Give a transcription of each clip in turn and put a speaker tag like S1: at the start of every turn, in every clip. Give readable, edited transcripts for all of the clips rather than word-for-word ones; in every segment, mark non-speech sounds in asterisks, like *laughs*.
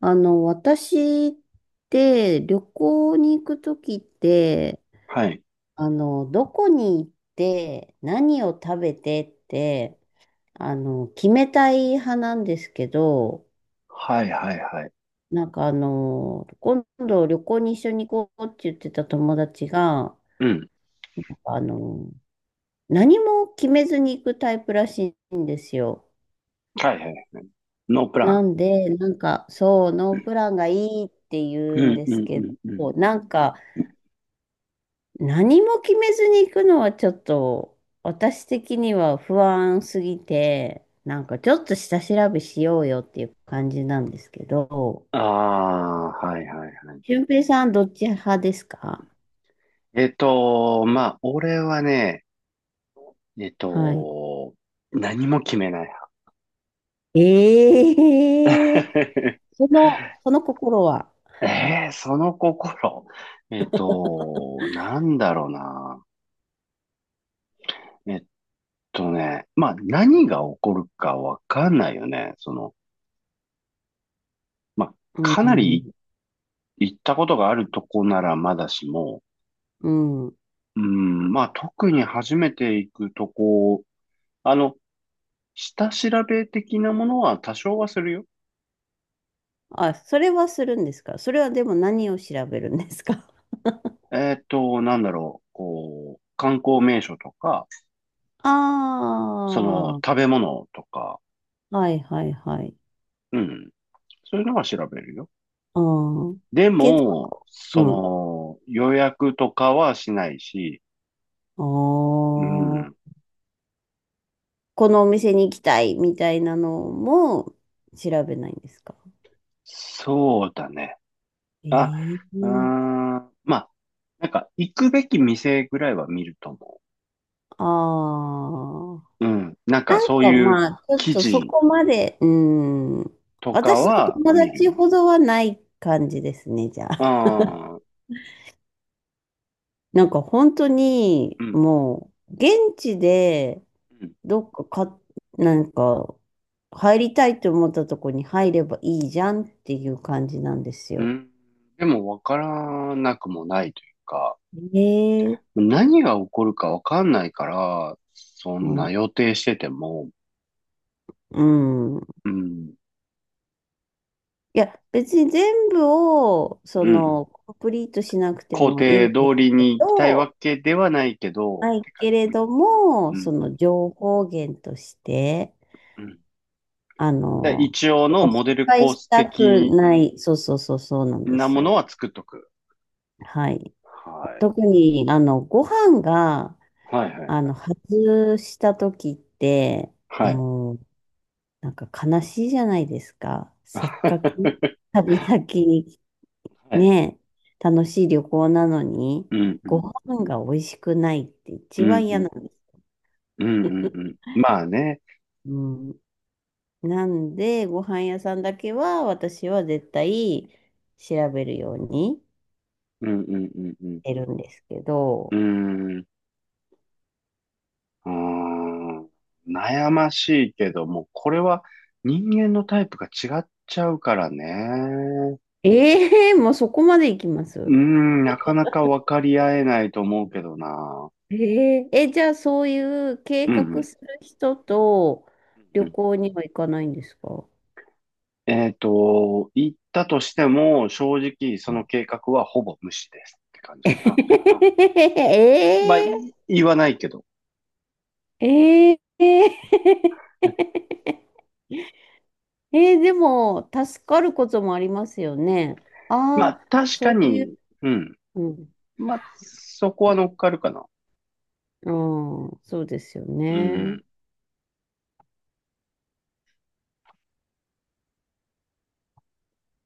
S1: 私って旅行に行くときって、
S2: はい。
S1: どこに行って、何を食べてって、決めたい派なんですけど、
S2: はいはいはい。
S1: なんか、今度旅行に一緒に行こうって言ってた友達が、
S2: うん。
S1: あの、何も決めずに行くタイプらしいんですよ。
S2: はいはい。ノープラ
S1: な
S2: ン。
S1: んで、なんか、そう、ノープランがいいって
S2: う
S1: 言うん
S2: ん
S1: で
S2: う
S1: す
S2: んう
S1: け
S2: んうん。
S1: ど、なんか、何も決めずに行くのはちょっと私的には不安すぎて、なんかちょっと下調べしようよっていう感じなんですけど、
S2: ああ、はいはいはい。
S1: 俊平さんどっち派ですか？
S2: まあ、俺はね、えっ
S1: はい。
S2: と、何も決めない
S1: ええ、
S2: 派。
S1: その、その心は。
S2: *laughs* その心。なんだろうな。えっまあ、何が起こるかわかんないよね。まあ、
S1: う
S2: かなり
S1: ん、
S2: 行ったことがあるとこならまだしも、
S1: うん。
S2: うん、まあ、特に初めて行くとこあの、下調べ的なものは多少はするよ。
S1: あ、それはするんですか？それはでも何を調べるんですか？
S2: なんだろう、こう、観光名所とか、
S1: あ、 *laughs*
S2: 食
S1: あ
S2: べ物とか、
S1: ー、はいはいはい。
S2: うん、そういうのは調べるよ。
S1: ああ、
S2: で
S1: けど、
S2: も、
S1: うん。
S2: 予約とかはしないし、
S1: あ
S2: うん、
S1: あ。このお店に行きたいみたいなのも調べないんですか？
S2: そうだね。あ、
S1: ええ
S2: うー
S1: ー。
S2: ん、まあ、なんか、行くべき店ぐらいは見ると思
S1: ああ、
S2: う。うん、なんか、
S1: なん
S2: そう
S1: か
S2: いう
S1: まあ、ちょっ
S2: 記
S1: とそ
S2: 事
S1: こまで、うーん。
S2: とか
S1: 私と
S2: は
S1: 友
S2: 見る
S1: 達
S2: よ。
S1: ほどはない感じですね、じゃあ。
S2: ああ、
S1: なんか本当に、
S2: うん。
S1: もう、現地で、
S2: うん
S1: どっかか、なんか、入りたいと思ったとこに入ればいいじゃんっていう感じなんです
S2: う
S1: よ。
S2: ん。でもわからなくもないというか、
S1: ええ、
S2: 何が起こるかわかんないから、そん
S1: は
S2: な
S1: い。
S2: 予定してても、
S1: うん。
S2: うん、
S1: いや、別に全部を、そ
S2: うん、
S1: の、コンプリートしなくて
S2: 工
S1: もいい
S2: 程
S1: んで
S2: 通
S1: す
S2: り
S1: け
S2: に行きたい
S1: ど、
S2: わけではないけど、っ
S1: ない
S2: てか、
S1: け
S2: う
S1: れど
S2: ん、
S1: も、
S2: うん、
S1: そ
S2: う
S1: の
S2: ん。
S1: 情報源として、
S2: うん。
S1: あ
S2: で、
S1: の、
S2: 一応
S1: やっ
S2: の
S1: ぱ
S2: モ
S1: 失
S2: デル
S1: 敗
S2: コー
S1: し
S2: ス
S1: たく
S2: 的
S1: ない、そうそうそうそうなんで
S2: な
S1: す
S2: もの
S1: よ。
S2: は作っとく。
S1: はい。
S2: はい。
S1: 特に、ご飯が、
S2: はい、はい、
S1: 外した時って、
S2: はい。
S1: もう、なんか悲しいじゃないですか。せっかく
S2: *laughs*
S1: 旅先に
S2: はい。
S1: ねえ、楽しい旅行なのに、
S2: うん、う
S1: ご
S2: ん、
S1: 飯が美味しくないって
S2: う
S1: 一
S2: ん、
S1: 番
S2: う
S1: 嫌な
S2: ん、
S1: んです。
S2: うん、うん。うん。まあね。
S1: うん。なんで、ご飯屋さんだけは私は絶対調べるように
S2: うん、うん、うん、うん。
S1: してるんですけ
S2: うー
S1: ど、
S2: ん。うーん、悩ましいけども、これは人間のタイプが違っちゃうからね。
S1: ええ、もうそこまで行きま
S2: うー
S1: す。
S2: ん、なかなか分かり合えないと思うけどな。
S1: えええ、じゃあそういう計
S2: うんう
S1: 画
S2: ん。
S1: する人と
S2: うんう
S1: 旅
S2: ん。
S1: 行には行かないんですか？
S2: 言ったとしても、正直その計画はほぼ無視ですって感
S1: *laughs*
S2: じかな。
S1: え
S2: まあ、言わないけど。
S1: えええ、
S2: ね。
S1: えーでも、助かることもありますよね。
S2: ま
S1: あ
S2: あ、
S1: あ、
S2: 確か
S1: そういう、
S2: に、うん。
S1: うん、
S2: まあ、そこは乗っかるかな。
S1: うん、そうですよ
S2: う
S1: ね。
S2: ん。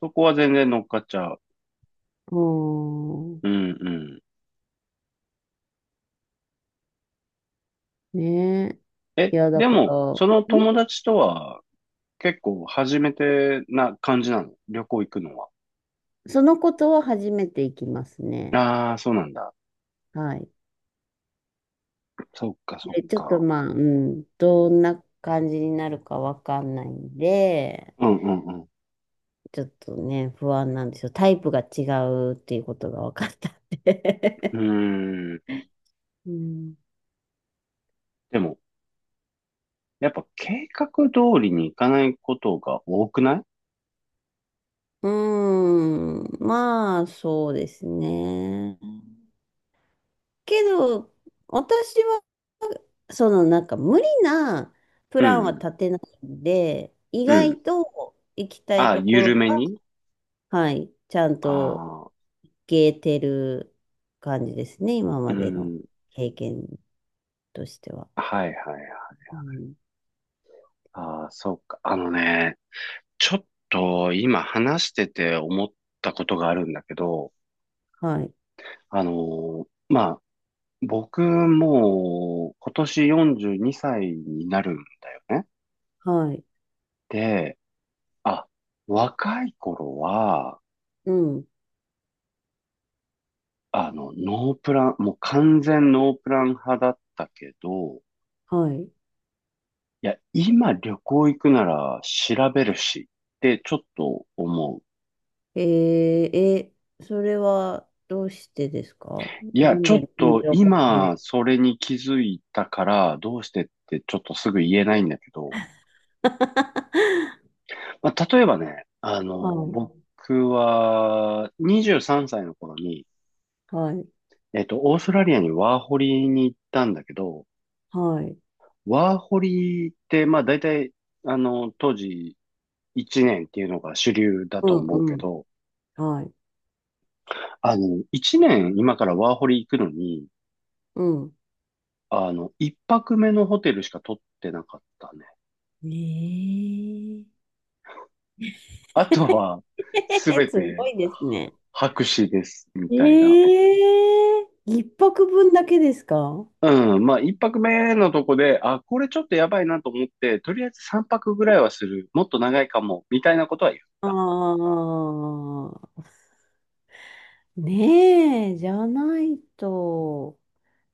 S2: そこは全然乗っかっちゃう。
S1: うん、
S2: うんうん。
S1: ねえ、
S2: え、
S1: いや、だ
S2: で
S1: から、
S2: も、その
S1: ん、
S2: 友達とは結構初めてな感じなの、旅行行くのは。
S1: そのことは初めていきますね。
S2: ああ、そうなんだ。
S1: はい。
S2: そっか、そっ
S1: で、ちょっと
S2: か。
S1: まあ、うん、どんな感じになるかわかんないんで、
S2: うんうん
S1: ちょっとね、不安なんですよ。タイプが違うっていうことが分かったん
S2: う
S1: で。
S2: ん。うーん。
S1: *laughs* うん。
S2: でも、やっぱ計画通りに行かないことが多くない？
S1: うーん、まあ、そうですね。けど、私は、その、なんか、無理なプ
S2: う
S1: ランは
S2: ん
S1: 立てないんで、意
S2: うん。うん。
S1: 外と行きたい
S2: あ、
S1: ところ
S2: 緩
S1: が、
S2: めに。
S1: はい、ちゃん
S2: あ
S1: と
S2: あー、
S1: 行けてる感じですね、今
S2: う
S1: までの
S2: ん。
S1: 経験としては。
S2: はいはいはい。
S1: うん、
S2: ああ、そっか。あのね、ちょっと今話してて思ったことがあるんだけど、
S1: はい、
S2: あのーま僕もう今年42歳にさいになるんだよね。
S1: はい、
S2: で、あ、若い頃は、
S1: うん、
S2: ノープラン、もう完全ノープラン派だったけど、
S1: はい。
S2: いや、今旅行行くなら調べるしってちょっと思う。
S1: えー、え、それはどうしてですか？
S2: い
S1: な
S2: や、
S1: ん
S2: ちょっ
S1: で緊
S2: と
S1: 張感を
S2: 今
S1: ね。
S2: それに気づいたからどうしてってちょっとすぐ言えないんだけど、
S1: *laughs*
S2: まあ、例えばね、
S1: はい、
S2: 僕は23歳の頃に、
S1: はい、
S2: オーストラリアにワーホリに行ったんだけど、
S1: はい。
S2: ワーホリって、まあ大体、当時1年っていうのが主流だ
S1: う
S2: と
S1: ん、
S2: 思うけ
S1: うん、
S2: ど、
S1: はい、
S2: 1年今からワーホリ行くのに、
S1: うん。
S2: 1泊目のホテルしか取ってなかったね。
S1: ね
S2: あとは、す
S1: え
S2: べ
S1: ー。 *laughs* すご
S2: て
S1: いですね。
S2: 白紙です、み
S1: え。
S2: たいな。
S1: ええ、一泊分だけですか？
S2: うん、まあ1泊目のとこで、あ、これちょっとやばいなと思って、とりあえず3泊ぐらいはする、もっと長いかも、みたいなことは言った。
S1: ああ、ねえ、じゃないと。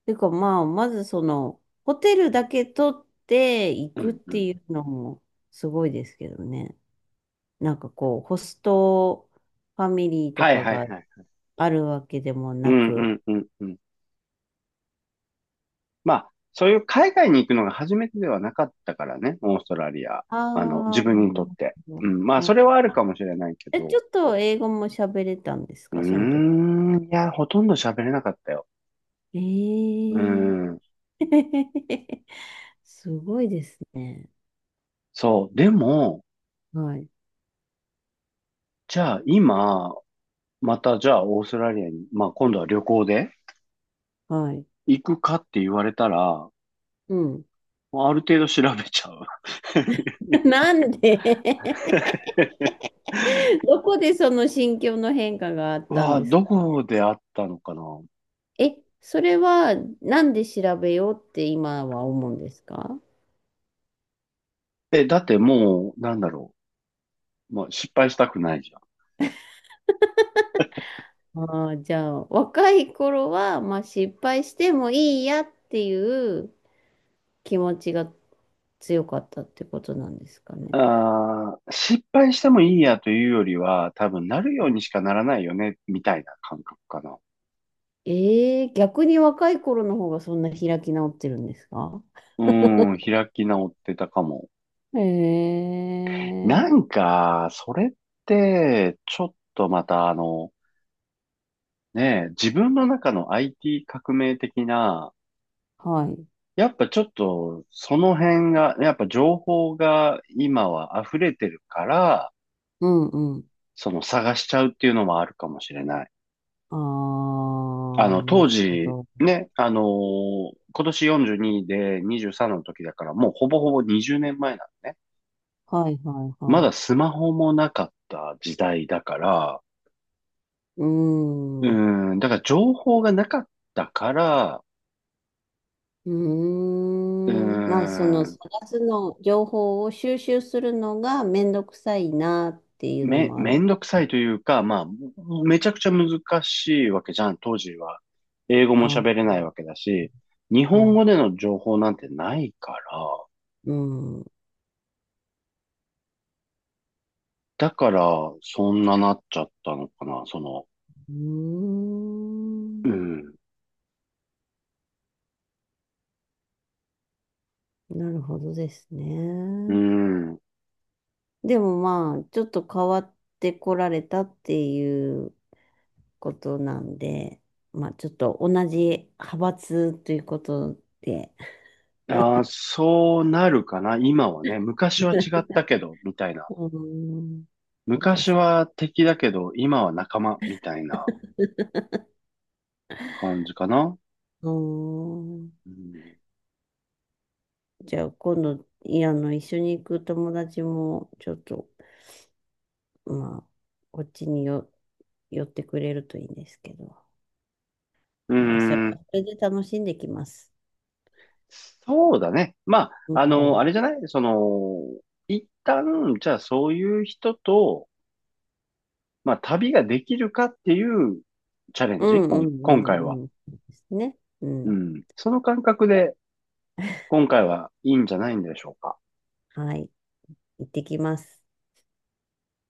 S1: てかまあ、まずその、ホテルだけ取って行
S2: う
S1: くっ
S2: んう
S1: て
S2: ん。
S1: いうのもすごいですけどね。なんかこう、ホストファミリーと
S2: はい
S1: か
S2: は
S1: が
S2: いはい。
S1: あるわけでも
S2: う
S1: な
S2: んう
S1: く。
S2: んうんうん。まあ、そういう海外に行くのが初めてではなかったからね、オーストラリア。
S1: あ
S2: 自
S1: あ、
S2: 分に
S1: な
S2: と
S1: る
S2: って。うん、まあ、
S1: ほ
S2: それはあ
S1: ど。
S2: るかもしれないけ
S1: え、ちょ
S2: ど。
S1: っと英語も喋れたんです
S2: うー
S1: か、その時。
S2: ん、いや、ほとんど喋れなかったよ。
S1: え
S2: うー
S1: え、
S2: ん、
S1: *laughs* すごいですね。
S2: そう。でも、
S1: はい。
S2: じゃあ今、またじゃあオーストラリアに、まあ今度は旅行で
S1: はい。
S2: 行くかって言われたら、
S1: うん。
S2: まある程度調べちゃう。
S1: *laughs* なんで？ *laughs*
S2: *laughs*
S1: どこでその心境の変化があっ
S2: う
S1: たん
S2: わ、
S1: ですか？
S2: どこであったのかな。
S1: え、それはなんで調べようって今は思うんですか？
S2: え、だってもう、なんだろう。まあ、失敗したくないじゃん。
S1: ああ、じゃあ、若い頃は、まあ、失敗してもいいやっていう気持ちが強かったってことなんですかね。
S2: あー、失敗してもいいやというよりは、多分なるようにしかならないよね、みたいな感覚かな。
S1: ええ、逆に若い頃の方がそんな開き直ってるんですか？
S2: うん、開き直ってたかも。
S1: え
S2: な
S1: え、
S2: んか、それって、ちょっとまたねえ、自分の中の IT 革命的な、
S1: はい。
S2: やっぱちょっとその辺が、やっぱ情報が今は溢れてるから、
S1: うんうん。
S2: 探しちゃうっていうのもあるかもしれない。
S1: ああ、なる
S2: 当
S1: ほ
S2: 時、
S1: ど。
S2: ね、今年42で23の時だから、もうほぼほぼ20年前なのね。
S1: はいはい
S2: ま
S1: は
S2: だ
S1: い。
S2: スマホもなかった時代だから、
S1: うー
S2: う
S1: ん。う
S2: ーん、だから情報がなかったから、
S1: ー
S2: うー
S1: ん。まあ、その
S2: ん、
S1: 探すの、情報を収集するのがめんどくさいなっていうの
S2: め、
S1: もあ
S2: めん
S1: る。
S2: どくさいというか、まあ、めちゃくちゃ難しいわけじゃん、当時は。英語も喋れ
S1: あ
S2: ないわけだし、日本
S1: あ、
S2: 語での情報なんてないから、
S1: うん。う
S2: だから、そんななっちゃったのかな、
S1: ー
S2: う
S1: ん。
S2: ん、
S1: なるほどです
S2: う
S1: ね。
S2: ん。
S1: でもまあ、ちょっと変わってこられたっていうことなんで、まあちょっと同じ派閥ということで。
S2: あーそうなるかな。今はね、昔は違ったけど、みたいな。
S1: うーん。そうで
S2: 昔
S1: す。
S2: は敵だけど、今は仲間、みたいな感じかな。
S1: うーん。
S2: うん。
S1: じゃあ今度、いや、あの、一緒に行く友達も、ちょっと、まあ、こっちによ、寄ってくれるといいんですけど、
S2: うー
S1: まあ、それ、
S2: ん。
S1: それで楽しんできます。
S2: そうだね。ま
S1: う
S2: あ、あ
S1: ん、
S2: れじゃない、一旦、じゃあそういう人と、まあ、旅ができるかっていうチャレン
S1: うん、
S2: ジ、
S1: う
S2: 今回は。
S1: ん、うん。うんですね。う
S2: う
S1: ん。
S2: ん。その感覚で、今回はいいんじゃないんでしょうか。
S1: はい。行ってきます。